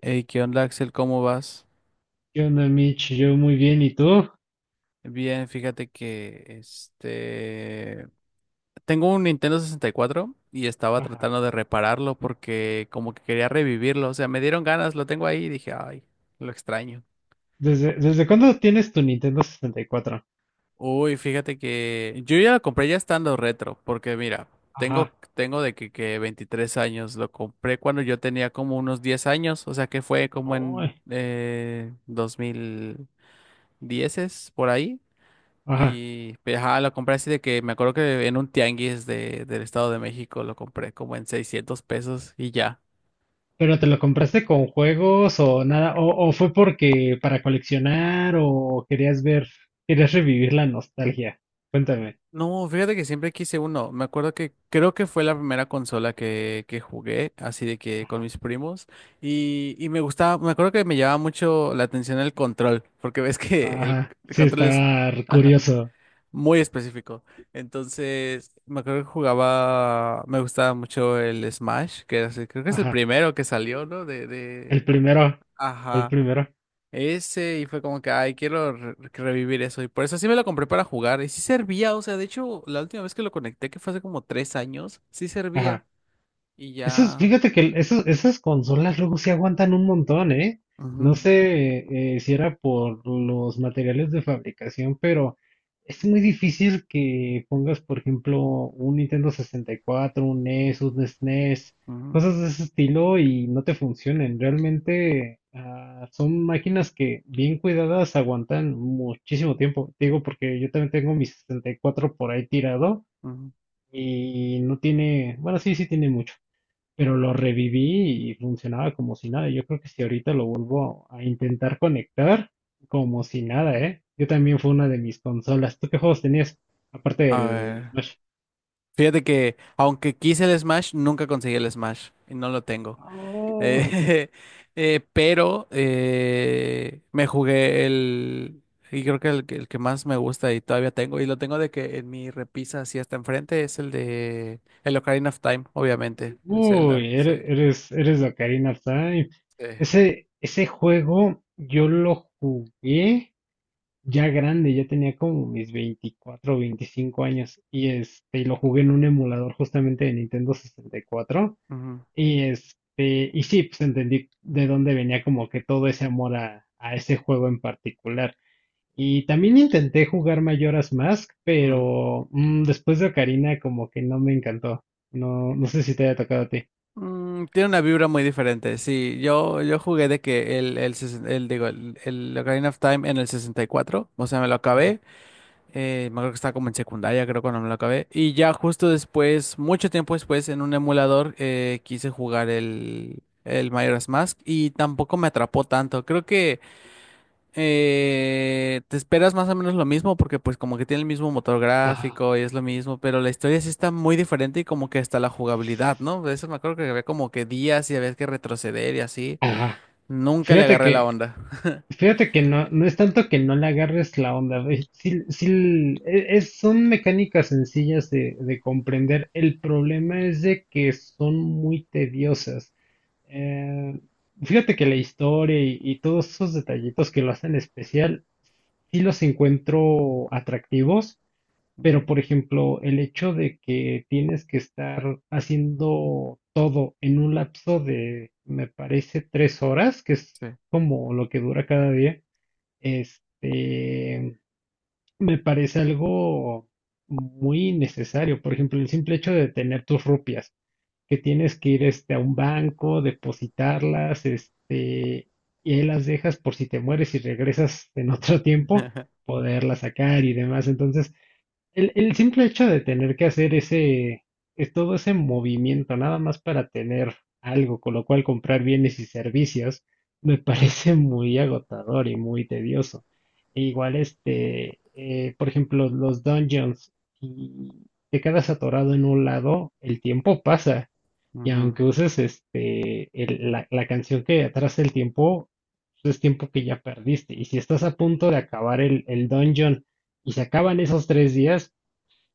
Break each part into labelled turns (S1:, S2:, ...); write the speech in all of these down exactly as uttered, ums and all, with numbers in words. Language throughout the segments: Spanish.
S1: Hey, ¿qué onda, Axel? ¿Cómo vas?
S2: ¿Qué onda, Mitch? Yo muy bien, ¿y tú?
S1: Bien, fíjate que este tengo un Nintendo sesenta y cuatro y cuatro y estaba
S2: Ajá.
S1: tratando de repararlo porque como que quería revivirlo, o sea, me dieron ganas, lo tengo ahí y dije, ay, lo extraño.
S2: ¿Desde, desde cuándo tienes tu Nintendo sesenta y cuatro?
S1: Uy, fíjate que yo ya lo compré ya estando retro, porque mira, tengo
S2: Ajá.
S1: tengo de que, que veintitrés años, lo compré cuando yo tenía como unos diez años, o sea, que fue como
S2: Uy,
S1: en eh, dos mil diez por ahí.
S2: ajá.
S1: Y pues, ajá, lo compré así de que me acuerdo que en un tianguis de, del Estado de México lo compré como en seiscientos pesos y ya.
S2: ¿Pero te lo compraste con juegos o nada? ¿O, o fue porque para coleccionar o querías ver, querías revivir la nostalgia? Cuéntame.
S1: No, fíjate que siempre quise uno. Me acuerdo que creo que fue la primera consola que, que jugué, así de que con
S2: Ajá.
S1: mis primos. Y, y me gustaba, me acuerdo que me llamaba mucho la atención el control, porque ves que el,
S2: Ajá.
S1: el
S2: Sí,
S1: control es,
S2: está
S1: ajá,
S2: curioso.
S1: muy específico. Entonces, me acuerdo que jugaba, me gustaba mucho el Smash, que era así- creo que es el
S2: Ajá.
S1: primero que salió, ¿no? De,
S2: El
S1: de,
S2: primero. Fue el
S1: Ajá,
S2: primero.
S1: ese y fue como que, ay, quiero re- revivir eso. Y por eso sí me lo compré para jugar. Y sí servía, o sea, de hecho, la última vez que lo conecté, que fue hace como tres años, sí servía.
S2: Ajá.
S1: Y
S2: Esos,
S1: ya.
S2: fíjate que esos- esas consolas luego sí aguantan un montón, ¿eh? No
S1: Ujú,
S2: sé eh, si era por los materiales de fabricación, pero es muy difícil que pongas, por ejemplo, un Nintendo sesenta y cuatro, un NES, un SNES,
S1: ujú,
S2: cosas de ese estilo y no te funcionen. Realmente ah, son máquinas que bien cuidadas aguantan muchísimo tiempo. Te digo, porque yo también tengo mi sesenta y cuatro por ahí tirado
S1: ujú.
S2: y no tiene, bueno, sí, sí tiene mucho, pero lo reviví y funcionaba como si nada. Yo creo que si ahorita lo vuelvo a intentar conectar, como si nada, ¿eh? Yo también fue una de mis consolas. ¿Tú qué juegos tenías? Aparte
S1: A
S2: del
S1: ver.
S2: Smash.
S1: Fíjate que, aunque quise el Smash, nunca conseguí el Smash. Y no lo tengo.
S2: Oh,
S1: Eh, eh, pero eh, me jugué el, y creo que el, que el que más me gusta y todavía tengo, y lo tengo de que en mi repisa así hasta enfrente, es el de el Ocarina of Time, obviamente, el Zelda,
S2: uy,
S1: sí.
S2: eres, eres, eres de Ocarina of Time.
S1: Sí.
S2: Ese, ese juego yo lo jugué ya grande, ya tenía como mis veinticuatro o veinticinco años y este, y lo jugué en un emulador justamente de Nintendo sesenta y cuatro.
S1: Ujú,
S2: Y este, y sí, pues entendí de dónde venía como que todo ese amor a, a ese juego en particular. Y también intenté jugar Majora's Mask,
S1: mm.
S2: pero mm, después de Ocarina como que no me encantó. No, no sé si te haya tocado a ti.
S1: Mm, tiene una vibra muy diferente, sí, yo, yo jugué de que el, el, sesen- el, digo, el, el Ocarina of Time en el sesenta y cuatro, o sea, me lo
S2: Ajá,
S1: acabé. Eh, me acuerdo que estaba como en secundaria, creo, cuando me lo acabé. Y ya justo después, mucho tiempo después, en un emulador, eh, quise jugar el, el Majora's Mask y tampoco me atrapó tanto. Creo que eh, te esperas más o menos lo mismo porque pues como que tiene el mismo motor
S2: ajá,
S1: gráfico y es lo mismo, pero la historia sí está muy diferente y como que hasta la jugabilidad, ¿no? De eso me acuerdo que había como que días y había que retroceder y así.
S2: ajá.
S1: Nunca le
S2: Fíjate
S1: agarré la
S2: que,
S1: onda.
S2: fíjate que no, no es tanto que no le agarres la onda, güey. Sí, sí, e- es, son mecánicas sencillas de, de comprender. El problema es de que son muy tediosas. Eh, fíjate que la historia y, y todos esos detallitos que lo hacen especial, sí los encuentro atractivos, pero
S1: Ujú,
S2: por ejemplo, el hecho de que tienes que estar haciendo todo en un lapso de, me parece, tres horas, que es
S1: sí.
S2: como lo que dura cada día, este, me parece algo muy innecesario. Por ejemplo, el simple hecho de tener tus rupias que tienes que ir este, a un banco, depositarlas, este, y ahí las dejas por si te mueres y regresas en otro tiempo, poderlas sacar y demás. Entonces, el, el simple hecho de tener que hacer ese, es todo ese movimiento, nada más para tener algo, con lo cual comprar bienes y servicios, me parece muy agotador y muy tedioso. E igual, este, eh, por ejemplo, los dungeons, y te quedas atorado en un lado, el tiempo pasa, y
S1: Ujú.
S2: aunque uses este, el- la, la canción que atrasa el tiempo, pues es tiempo que ya perdiste. Y si estás a punto de acabar el, el dungeon y se acaban esos tres días,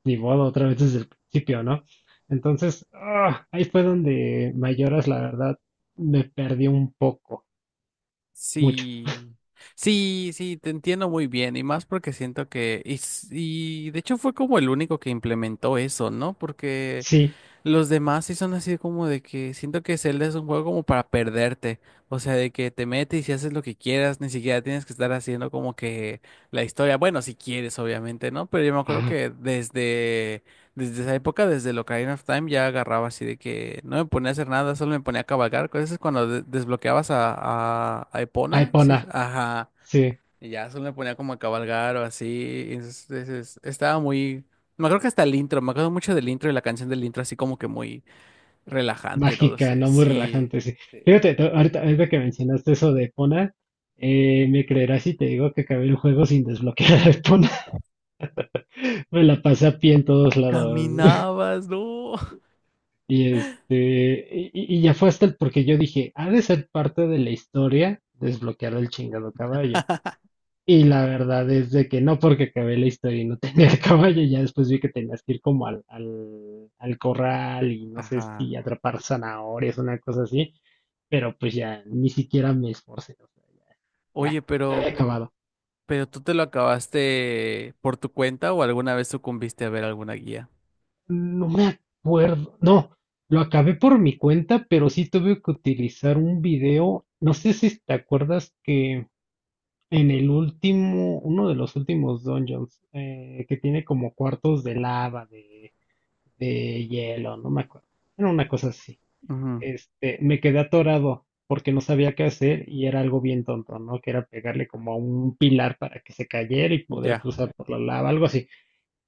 S2: ni modo, otra vez desde el principio, ¿no? Entonces, ah, ahí fue donde Mayoras, la verdad, me perdí un poco, mucho.
S1: Sí, sí, sí, te entiendo muy bien y más porque siento que, y, s- y de hecho fue como el único que implementó eso, ¿no? Porque
S2: Sí,
S1: los demás sí son así como de que siento que Zelda es un juego como para perderte, o sea, de que te metes y haces lo que quieras, ni siquiera tienes que estar haciendo como que la historia, bueno, si quieres, obviamente, ¿no? Pero yo me acuerdo
S2: ah,
S1: que desde, desde esa época, desde el Ocarina of Time, ya agarraba así de que no me ponía a hacer nada, solo me ponía a cabalgar, cosas es cuando de- desbloqueabas a, a, a Epona, sí,
S2: Epona,
S1: ajá,
S2: sí,
S1: y ya solo me ponía como a cabalgar o así. Entonces, es- estaba muy. Me acuerdo que hasta el intro, me acuerdo mucho del intro y la canción del intro así como que muy relajante, no lo
S2: mágica,
S1: sé.
S2: no muy
S1: Sí.
S2: relajante, sí.
S1: Sí.
S2: Fíjate, to- ahorita, ahorita que mencionaste eso de Epona, eh, me creerás si te digo que acabé el juego sin desbloquear a Epona. Me la pasé a pie en todos lados.
S1: Caminabas, ¿no?
S2: Y este, y, y ya fue hasta el porque yo dije, ha de ser parte de la historia desbloquear el chingado caballo. Y la verdad es de que no, porque acabé la historia y no tenía el caballo, ya después vi que tenías que ir como al, al, al corral y no sé
S1: Ajá.
S2: si atrapar zanahorias, una cosa así, pero pues ya ni siquiera me esforcé, o sea, ya, ya,
S1: Oye,
S2: ya había
S1: pero,
S2: acabado.
S1: pero ¿tú te lo acabaste por tu cuenta o alguna vez sucumbiste a ver alguna guía?
S2: No me acuerdo. No, lo acabé por mi cuenta, pero sí tuve que utilizar un video. No sé si te acuerdas que en el último, uno de los últimos dungeons, eh, que tiene como cuartos de lava, de, de hielo, no me acuerdo. Era una cosa así.
S1: Ujú,
S2: Este, me quedé atorado porque no sabía qué hacer y era algo bien tonto, ¿no? Que era pegarle como a un pilar para que se cayera y poder
S1: ya.
S2: cruzar por la lava, algo así.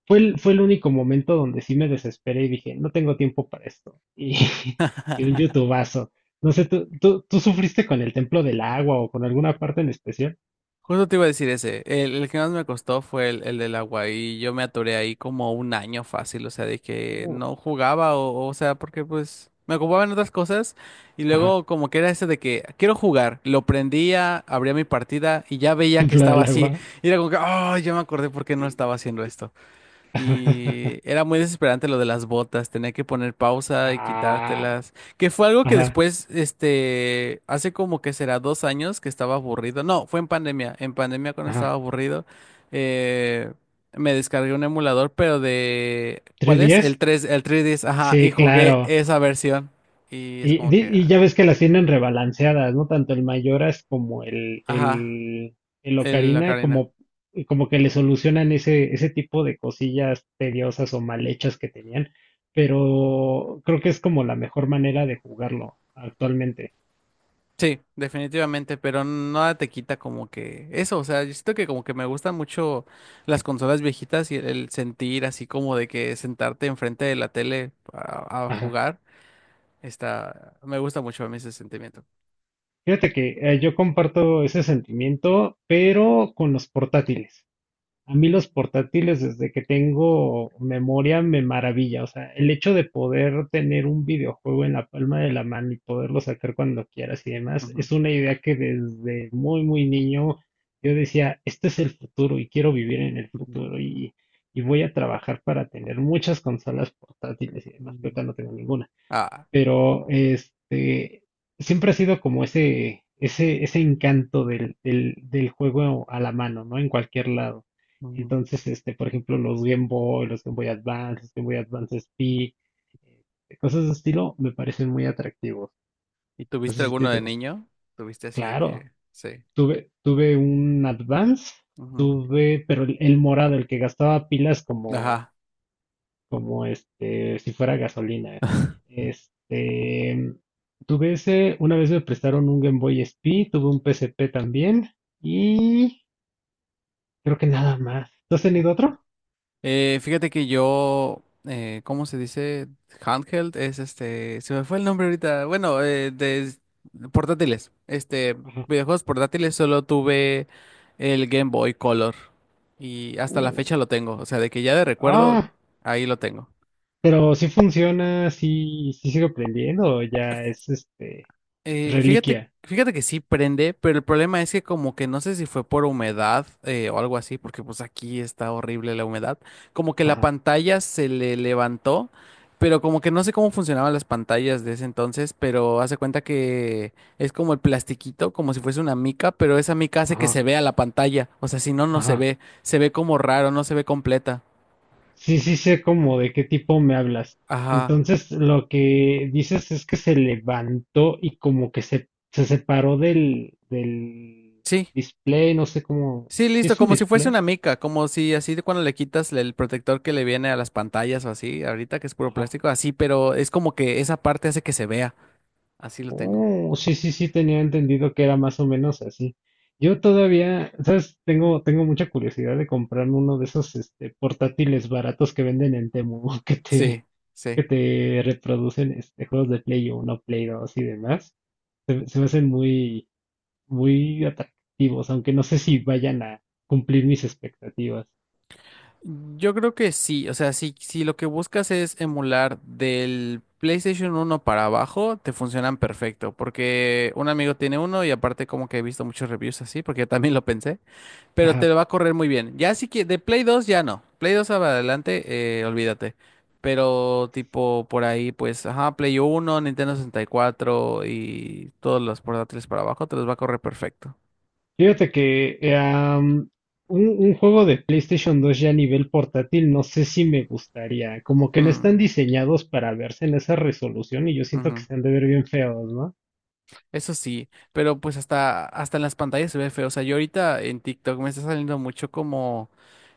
S2: Fue el, fue el único momento donde sí me desesperé y dije, no tengo tiempo para esto. Y y un youtubazo. No sé, ¿tú, tú, tú sufriste con el Templo del Agua o con alguna parte en especial?
S1: Justo te iba a decir ese. El, el que más me costó fue el, el del agua y yo me atoré ahí como un año fácil, o sea, de que
S2: Uh,
S1: no jugaba o, o sea, porque pues me ocupaba en otras cosas y
S2: Ajá,
S1: luego como que era ese de que quiero jugar, lo prendía, abría mi partida y ya veía que
S2: Templo
S1: estaba
S2: del
S1: así
S2: Agua.
S1: y era como que, oh, ya me acordé por qué no estaba haciendo esto. Y era muy desesperante lo de las botas, tenía que poner pausa y
S2: Ah,
S1: quitártelas, que fue algo que
S2: ajá,
S1: después, este, hace como que será dos años que estaba aburrido, no, fue en pandemia, en pandemia cuando
S2: ajá.
S1: estaba aburrido, eh, me descargué un emulador, pero de, ¿cuál es? El
S2: ¿trescientos diez?
S1: tres el tres D S, ajá, y
S2: Sí,
S1: jugué
S2: claro.
S1: esa versión, y es
S2: Y,
S1: como
S2: di-
S1: que,
S2: y
S1: ah,
S2: ya ves que las tienen rebalanceadas, ¿no? Tanto el Mayoras como el,
S1: ajá,
S2: el, el
S1: el, la
S2: Ocarina, como, como que le solucionan ese, ese tipo de cosillas tediosas o mal hechas que tenían. Pero creo que es como la mejor manera de jugarlo actualmente.
S1: sí, definitivamente, pero nada te quita como que eso, o sea, yo siento que como que me gustan mucho las consolas viejitas y el, el sentir así como de que sentarte enfrente de la tele a, a
S2: Ajá.
S1: jugar, está, me gusta mucho a mí ese sentimiento.
S2: Fíjate que eh, yo comparto ese sentimiento, pero con los portátiles. A mí los portátiles, desde que tengo memoria, me maravilla. O sea, el hecho de poder tener un videojuego en la palma de la mano y poderlo sacar cuando quieras y demás,
S1: Ujú,
S2: es una idea que desde muy, muy niño yo decía, este es el futuro y quiero vivir en el
S1: ujú,
S2: futuro, y, y voy a trabajar para tener muchas consolas portátiles y demás, que
S1: ujú.
S2: ahorita no tengo ninguna,
S1: Ah,
S2: pero este, siempre ha sido como ese, ese, ese encanto del, del, del juego a la mano, ¿no? En cualquier lado.
S1: ujú.
S2: Entonces, este, por ejemplo, los Game Boy, los Game Boy Advance, los Game Boy Advance S P, eh, cosas de estilo, me parecen muy atractivos.
S1: ¿Y
S2: No sé
S1: tuviste
S2: si a
S1: alguno
S2: ti te
S1: de
S2: gusta.
S1: niño? ¿Tuviste así de
S2: Claro,
S1: que, sí?
S2: tuve, tuve un Advance,
S1: Ujú.
S2: tuve, pero el, el morado, el que gastaba pilas como,
S1: Ajá.
S2: como este, si fuera gasolina. Este, tuve ese, una vez me prestaron un Game Boy S P, tuve un P S P también, y creo que nada más. ¿Tú has tenido otro?
S1: Eh, fíjate que yo, eh, ¿cómo se dice? Handheld es este, se me fue el nombre ahorita. Bueno, eh, de portátiles. Este,
S2: Ajá.
S1: videojuegos portátiles solo tuve el Game Boy Color y hasta la fecha lo tengo. O sea, de que ya de recuerdo,
S2: Ah,
S1: ahí lo tengo.
S2: pero si funciona, si sigo aprendiendo, o ya es este
S1: Eh, fíjate,
S2: reliquia.
S1: fíjate que sí prende, pero el problema es que como que no sé si fue por humedad eh, o algo así, porque pues aquí está horrible la humedad, como que la
S2: Ajá,
S1: pantalla se le levantó, pero como que no sé cómo funcionaban las pantallas de ese entonces, pero hace cuenta que es como el plastiquito, como si fuese una mica, pero esa mica hace que
S2: ajá,
S1: se vea la pantalla, o sea, si no, no se
S2: ajá.
S1: ve, se ve como raro, no se ve completa.
S2: Sí, sí sé como de qué tipo me hablas.
S1: Ajá,
S2: Entonces, lo que dices es que se levantó y como que se, se separó del, del
S1: sí.
S2: display, no sé cómo.
S1: Sí,
S2: ¿Sí
S1: listo,
S2: es un
S1: como si fuese
S2: display?
S1: una mica, como si así de cuando le quitas el protector que le viene a las pantallas o así, ahorita que es puro
S2: Ajá.
S1: plástico, así, pero es como que esa parte hace que se vea. Así lo tengo.
S2: Oh, sí, sí, sí, tenía entendido que era más o menos así. Yo todavía, ¿sabes? Tengo, tengo mucha curiosidad de comprarme uno de esos este, portátiles baratos que venden en Temu, que te,
S1: Sí,
S2: que
S1: sí.
S2: te reproducen este, juegos de Play uno Play dos y demás. Se, se me hacen muy muy atractivos, aunque no sé si vayan a cumplir mis expectativas.
S1: Yo creo que sí, o sea, si, si lo que buscas es emular del PlayStation uno para abajo, te funcionan perfecto, porque un amigo tiene uno y aparte como que he visto muchos reviews así, porque yo también lo pensé. Pero te
S2: Ajá.
S1: lo va a correr muy bien. Ya sí que de Play dos ya no. Play dos para adelante, eh, olvídate. Pero tipo por ahí, pues, ajá, Play uno Nintendo sesenta y cuatro y cuatro y todos los portátiles para abajo te los va a correr perfecto.
S2: Fíjate que eh, am, un, un juego de PlayStation dos ya a nivel portátil, no sé si me gustaría. Como que no están
S1: Mm,
S2: diseñados para verse en esa resolución y yo siento que
S1: ujú.
S2: se han de ver bien feos, ¿no?
S1: Eso sí, pero pues hasta, hasta en las pantallas se ve feo. O sea, yo ahorita en TikTok me está saliendo mucho como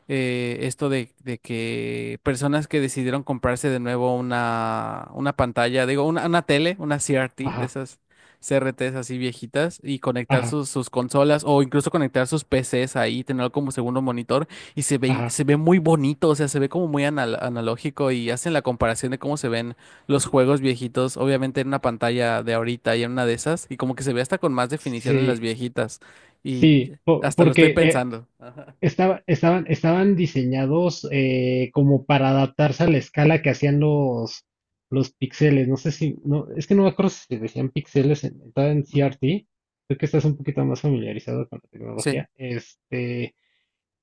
S1: eh, esto de, de que personas que decidieron comprarse de nuevo una, una pantalla, digo, una, una tele, una C R T, de
S2: Ajá,
S1: esas C R Ts así viejitas, y conectar
S2: ajá,
S1: sus, sus consolas o incluso conectar sus P Cs ahí, tenerlo como segundo monitor, y se ve,
S2: ajá.
S1: se ve muy bonito, o sea, se ve como muy anal- analógico y hacen la comparación de cómo se ven los juegos viejitos, obviamente en una pantalla de ahorita y en una de esas, y como que se ve hasta con más definición en las
S2: Sí,
S1: viejitas, y
S2: sí, po-
S1: hasta lo estoy
S2: porque eh,
S1: pensando. Ajá.
S2: Estaba- estaban, estaban diseñados eh, como para adaptarse a la escala que hacían los, los píxeles. No sé si, no, es que no me acuerdo si se decían píxeles en, estaba en
S1: Ujú.
S2: C R T. Creo que estás un poquito más familiarizado con la
S1: Sí.
S2: tecnología. Este,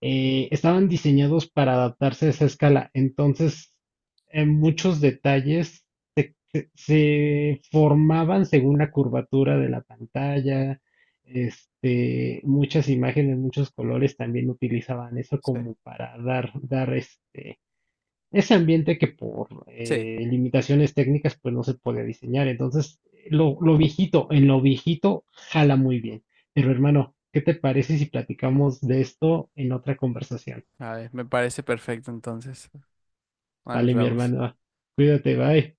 S2: eh, estaban diseñados para adaptarse a esa escala. Entonces, en muchos detalles se, se- se formaban según la curvatura de la pantalla. Este, muchas imágenes, muchos colores también utilizaban eso
S1: Sí.
S2: como para dar, dar este, ese ambiente que por
S1: Sí.
S2: eh, limitaciones técnicas pues no se podía diseñar. Entonces, lo, lo viejito, en lo viejito jala muy bien. Pero hermano, ¿qué te parece si platicamos de esto en otra conversación?
S1: A ver, me parece perfecto entonces. Ah, nos
S2: Vale, mi
S1: vemos.
S2: hermano, cuídate, bye.